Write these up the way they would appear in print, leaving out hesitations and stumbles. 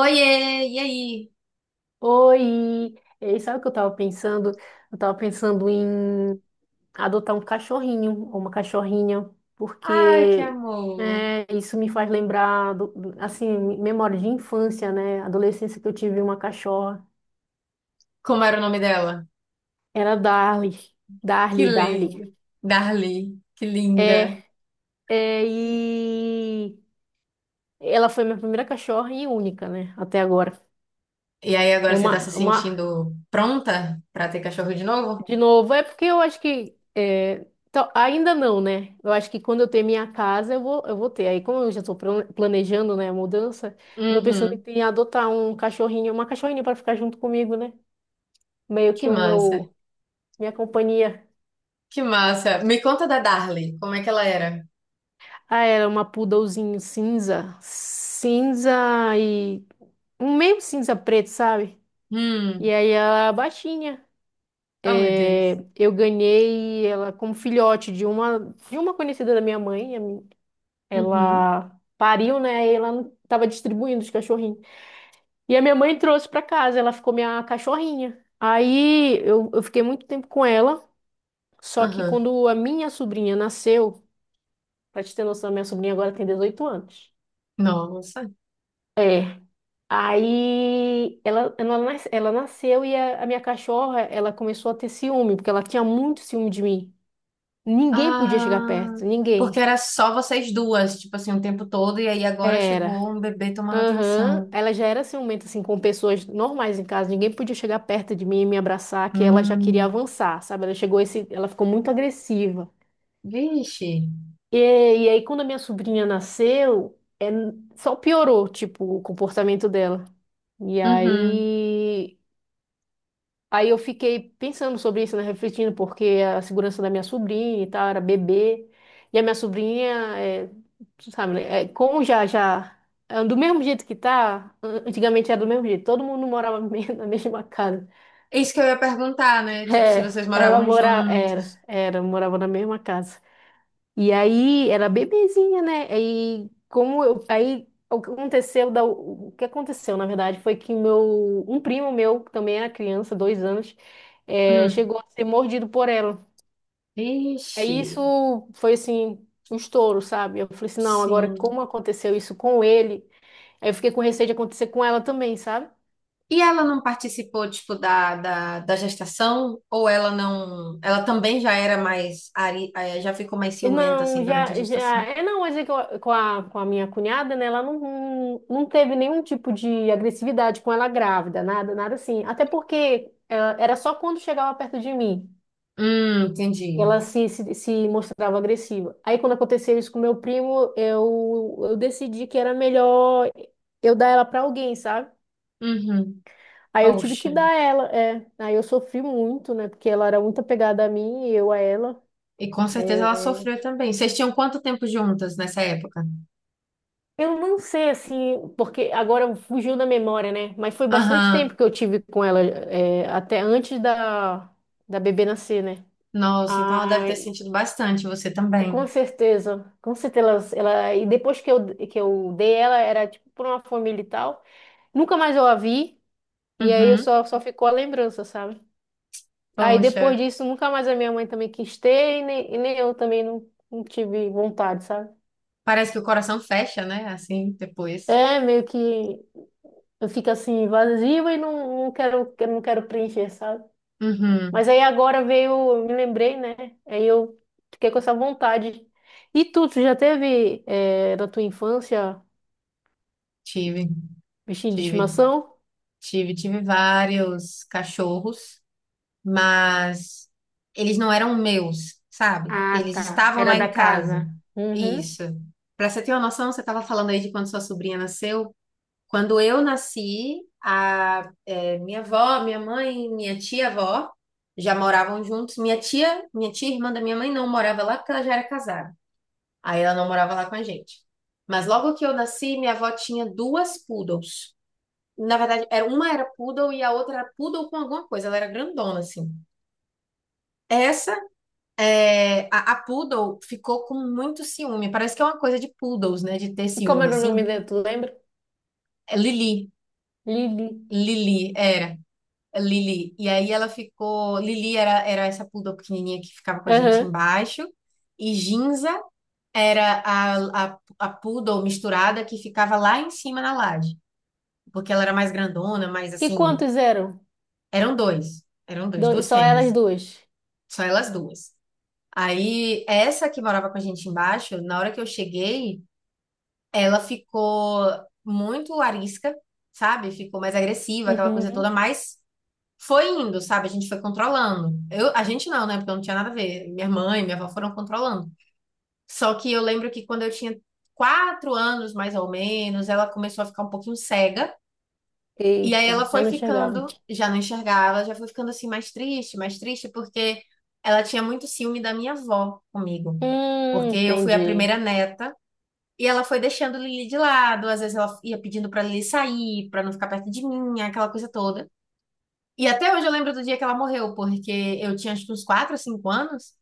Oiê, e aí? Oi! E sabe o que eu tava pensando? Eu tava pensando em adotar um cachorrinho ou uma cachorrinha, Ai, que porque amor. Isso me faz lembrar, assim, memória de infância, né? Adolescência que eu tive uma cachorra. Como era o nome dela? Era Darly. Que Darly. lindo. Darly, que linda. É, e ela foi minha primeira cachorra e única, né? Até agora. E aí, agora É você tá uma, se uma sentindo pronta pra ter cachorro de novo? De novo, é porque eu acho que ainda não, né? Eu acho que quando eu ter minha casa, eu vou ter. Aí, como eu já estou planejando, né, a mudança, eu tô pensando Uhum. em adotar um cachorrinho, uma cachorrinha para ficar junto comigo, né? Meio Que que o massa. meu, minha companhia. Que massa. Me conta da Darly, como é que ela era? Ah, era uma poodlezinho cinza e um meio cinza preto, sabe? Hum. E aí a baixinha. Oh, meu É, Deus. eu ganhei ela como filhote de uma conhecida da minha mãe. Uhum. Ela pariu, né? E ela tava distribuindo os cachorrinhos. E a minha mãe trouxe pra casa, ela ficou minha cachorrinha. Aí eu fiquei muito tempo com ela, só que Aham. quando a minha sobrinha nasceu, pra te ter noção, minha sobrinha agora tem 18 anos. Nossa. É. Aí ela nasceu e a minha cachorra, ela começou a ter ciúme, porque ela tinha muito ciúme de mim. Ninguém podia chegar Ah, perto, porque ninguém. era só vocês duas, tipo assim, o tempo todo, e aí agora Era. chegou um bebê tomando Aham, atenção. ela já era ciumenta, assim, com pessoas normais em casa. Ninguém podia chegar perto de mim e me abraçar, que ela já queria Hum. avançar, sabe? Ela ficou muito agressiva. Vixe. E aí, quando a minha sobrinha nasceu, só piorou, tipo, o comportamento dela. E Uhum. aí, Aí eu fiquei pensando sobre isso, né, refletindo, porque a segurança da minha sobrinha e tal, era bebê. E a minha sobrinha, tu sabe, né, é, como já, já, é, do mesmo jeito que tá, antigamente era do mesmo jeito, todo mundo morava na mesma casa. É isso que eu ia perguntar, né? Tipo, se É, vocês ela moravam morava, juntos. Morava na mesma casa. E aí era bebezinha, né? Aí como eu, aí o que aconteceu da, o que aconteceu na verdade foi que meu um primo meu que também era criança, 2 anos, Hum. chegou a ser mordido por ela. Ixi, Aí isso foi assim um estouro, sabe? Eu falei assim, não, agora sim. como aconteceu isso com ele? Aí eu fiquei com receio de acontecer com ela também, sabe? E ela não participou, tipo, da gestação? Ou ela não... Ela também já era mais... Já ficou mais ciumenta, Não, assim, durante a já, já, gestação? é não, mas é que com a minha cunhada, né, ela não teve nenhum tipo de agressividade com ela grávida, nada assim. Até porque era só quando chegava perto de mim que Entendi. ela se mostrava agressiva. Aí quando aconteceu isso com meu primo, eu decidi que era melhor eu dar ela pra alguém, sabe? Uhum. Aí eu tive que Poxa. dar ela, é. Aí eu sofri muito, né, porque ela era muito apegada a mim e eu a ela. E com certeza ela É. sofreu também. Vocês tinham quanto tempo juntas nessa época? Eu não sei, assim, porque agora fugiu da memória, né? Mas foi bastante tempo Aham. que eu tive com ela, é, até antes da, da bebê nascer, né? Nossa, então ela deve ter Ai, sentido bastante, você com também. certeza, com certeza. E depois que eu dei ela, era tipo pra uma família e tal. Nunca mais eu a vi, e aí eu Uhum. só, só ficou a lembrança, sabe? Aí Poxa. depois disso, nunca mais a minha mãe também quis ter, e nem eu também não tive vontade, sabe? Parece que o coração fecha, né? Assim, depois. É meio que. Eu fico assim vazio e não quero, eu não quero preencher, sabe? Mas Uhum. aí agora veio, eu me lembrei, né? Aí eu fiquei com essa vontade. E tu já teve na tua infância Tive, bichinho de tive, estimação? tive vários cachorros, mas eles não eram meus, sabe? Ah, Eles tá. estavam Era lá em da casa. casa. Uhum. Isso. Pra você ter uma noção, você estava falando aí de quando sua sobrinha nasceu. Quando eu nasci, minha avó, minha mãe, minha tia-avó já moravam juntos. Minha tia irmã da minha mãe não morava lá porque ela já era casada. Aí ela não morava lá com a gente. Mas logo que eu nasci, minha avó tinha duas poodles. Na verdade, era, uma era poodle e a outra era poodle com alguma coisa. Ela era grandona, assim. Essa, a poodle ficou com muito ciúme. Parece que é uma coisa de poodles, né? De ter E como ciúme, era o nome assim. dela, tu lembra? É Lili. Lili. Lili, era. É Lili. E aí ela ficou... Lili era essa poodle pequenininha que ficava com a gente Aham. embaixo. E Ginza era a poodle misturada que ficava lá em cima na laje. Porque ela era mais grandona, mas E assim, quantos eram? eram Dois, duas só elas fêmeas, duas. só elas duas. Aí, essa que morava com a gente embaixo, na hora que eu cheguei, ela ficou muito arisca, sabe? Ficou mais agressiva, aquela coisa toda, Uhum. mas foi indo, sabe? A gente foi controlando. Eu, a gente não, né? Porque eu não tinha nada a ver. Minha mãe, minha avó foram controlando. Só que eu lembro que quando eu tinha quatro anos, mais ou menos, ela começou a ficar um pouquinho cega. E aí ela Eita, já foi não chegavam. ficando, já não enxergava, já foi ficando assim mais triste, porque ela tinha muito ciúme da minha avó comigo. Porque eu fui a Entendi. primeira neta e ela foi deixando Lili de lado, às vezes ela ia pedindo pra Lili sair, pra não ficar perto de mim, aquela coisa toda. E até hoje eu lembro do dia que ela morreu, porque eu tinha acho que uns 4 ou cinco anos,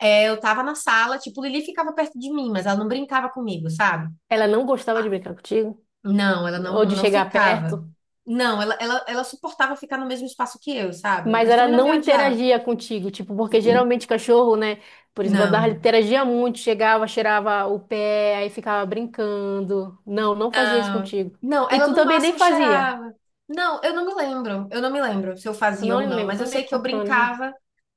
eu tava na sala, tipo, Lili ficava perto de mim, mas ela não brincava comigo, sabe? Ela não gostava de brincar contigo? Não, ela Ou de não chegar ficava. perto? Não, ela suportava ficar no mesmo espaço que eu, sabe? Mas Mas ela também não me não odiava. interagia contigo, tipo, porque geralmente cachorro, né? Por exemplo, a Darla Não. interagia muito, chegava, cheirava o pé, aí ficava brincando. Não, não fazia isso Ah, contigo. não, E ela tu no também nem máximo fazia. cheirava. Não, eu não me lembro. Eu não me lembro se eu Eu fazia não ou não, lembro, mas eu também sei com que eu 4 anos, né? brincava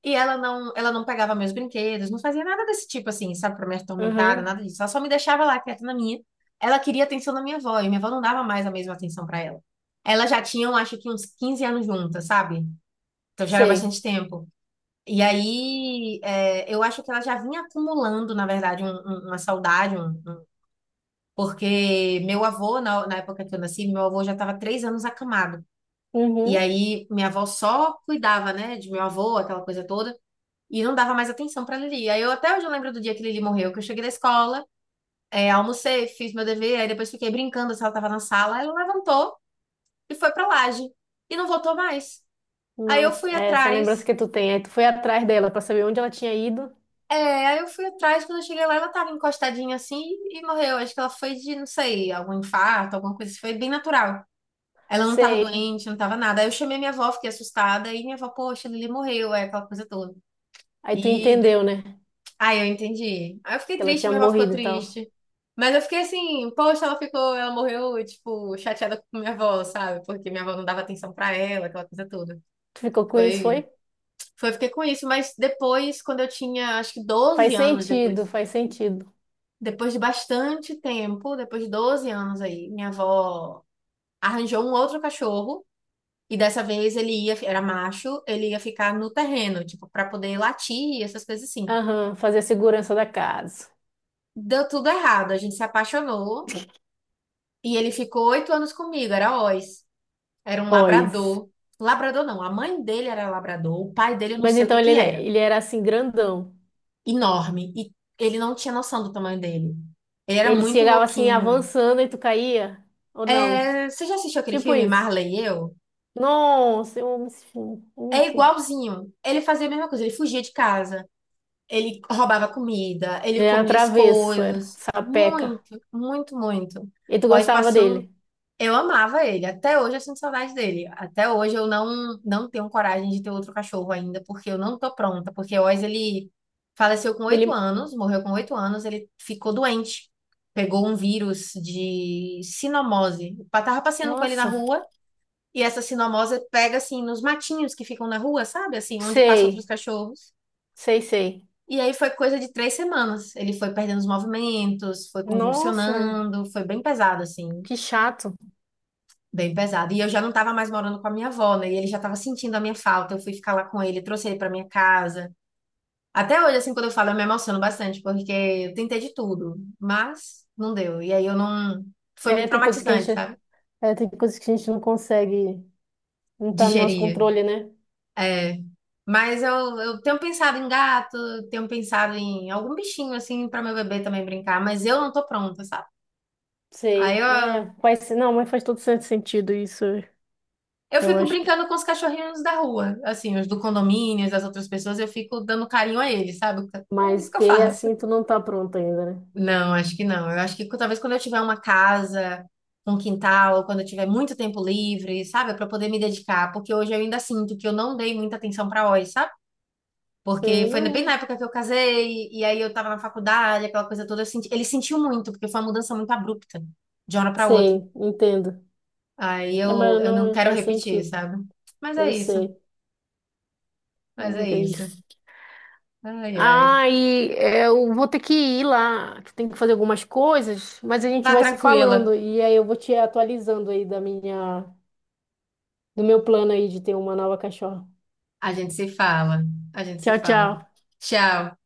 e ela não pegava meus brinquedos, não fazia nada desse tipo assim, sabe, pra me atormentar, Uhum, nada disso. Ela só me deixava lá quieta na minha. Ela queria atenção da minha avó, e minha avó não dava mais a mesma atenção pra ela. Elas já tinham, acho que uns 15 anos juntas, sabe? Então já era bastante sei. tempo. E aí, eu acho que ela já vinha acumulando, na verdade, uma saudade, porque meu avô, na época que eu nasci, meu avô já estava três anos acamado. E Uhum. aí, minha avó só cuidava, né, de meu avô, aquela coisa toda, e não dava mais atenção para Lili. Aí, eu até hoje eu lembro do dia que Lili morreu, que eu cheguei da escola, almocei, fiz meu dever, aí depois fiquei brincando se ela estava na sala. Aí ela levantou e foi para laje, e não voltou mais. Aí, eu Nossa, fui é essa lembrança atrás. que tu tem. Aí tu foi atrás dela pra saber onde ela tinha ido. É, aí eu fui atrás, quando eu cheguei lá, ela tava encostadinha assim e morreu. Acho que ela foi de, não sei, algum infarto, alguma coisa assim. Foi bem natural. Ela não tava Sei. doente, não tava nada. Aí eu chamei minha avó, fiquei assustada. E minha avó, poxa, Lili morreu, é aquela coisa toda. Aí tu E de- entendeu, né? Aí eu entendi. Aí eu fiquei Que ela triste, tinha minha avó ficou morrido e tal. triste. Mas eu fiquei assim, poxa, ela morreu, tipo, chateada com minha avó, sabe? Porque minha avó não dava atenção pra ela, aquela coisa toda. Tu ficou com isso, Foi, foi? foi, eu fiquei com isso. Mas depois, quando eu tinha, acho que Faz doze anos sentido, depois. faz sentido. Depois de bastante tempo, depois de 12 anos aí, minha avó arranjou um outro cachorro. E dessa vez era macho, ele ia ficar no terreno, tipo, para poder latir, essas coisas assim. Aham, fazer a segurança da casa. Deu tudo errado, a gente se apaixonou e ele ficou oito anos comigo, era Oz. Era um Pois. labrador. Labrador não, a mãe dele era labrador, o pai dele eu não Mas sei o que então ele, que né, era. ele era assim, grandão. Enorme. E ele não tinha noção do tamanho dele. Ele era Ele muito chegava assim, louquinho. avançando e tu caía? Ou não? É, você já assistiu aquele Tipo filme isso. Marley e Eu? Nossa, eu amo esse filme. É Enfim. igualzinho. Ele fazia a mesma coisa. Ele fugia de casa. Ele roubava comida. Ele Ele era comia as travesso, era coisas. sapeca. Muito, muito, muito. E tu Ó, gostava dele? espaço. Eu amava ele. Até hoje eu sinto saudade dele. Até hoje eu não tenho coragem de ter outro cachorro ainda, porque eu não tô pronta. Porque o Oz, ele faleceu com oito Ele. anos, morreu com oito anos. Ele ficou doente. Pegou um vírus de cinomose. Eu tava passeando com ele na Nossa, rua e essa cinomose pega assim nos matinhos que ficam na rua, sabe? Assim, onde passam outros sei. cachorros. Sei. E aí foi coisa de três semanas. Ele foi perdendo os movimentos, foi Nossa, convulsionando, foi bem pesado, assim, que chato. bem pesado. E eu já não estava mais morando com a minha avó, né? E ele já estava sentindo a minha falta. Eu fui ficar lá com ele, trouxe ele para minha casa. Até hoje, assim, quando eu falo, eu me emociono bastante, porque eu tentei de tudo, mas não deu. E aí eu não. Foi É, muito tem coisas que a traumatizante, gente. sabe? É, tem coisas que a gente não consegue. Não tá no nosso Digerir. controle, né? É, mas eu tenho pensado em gato, tenho pensado em algum bichinho assim para meu bebê também brincar, mas eu não tô pronta, sabe? Aí Sei. eu, É, faz, não, mas faz todo sentido isso. eu Eu fico acho que. brincando com os cachorrinhos da rua, assim, os do condomínio, das outras pessoas, eu fico dando carinho a eles, sabe? Então, é Mas isso que eu ter faço. assim, tu não tá pronto ainda, né? Não, acho que não. Eu acho que talvez quando eu tiver uma casa, um quintal, ou quando eu tiver muito tempo livre, sabe? Para poder me dedicar, porque hoje eu ainda sinto que eu não dei muita atenção para a. Porque Sei, foi bem na não. época que eu casei, e aí eu tava na faculdade, aquela coisa toda. Eu senti, ele sentiu muito, porque foi uma mudança muito abrupta, de uma hora pra outra. Sei, entendo. É, mas Eu não não quero faz repetir, sentido. sabe? Mas é Eu isso, sei. mas Vamos é ver isso. isso. Ai, ai. Ah, e eu vou ter que ir lá, que tem que fazer algumas coisas, mas a gente Vá vai se tranquila. falando e aí eu vou te atualizando aí da minha, do meu plano aí de ter uma nova cachorra. A gente se fala, a gente se Tchau, fala. tchau. Tchau.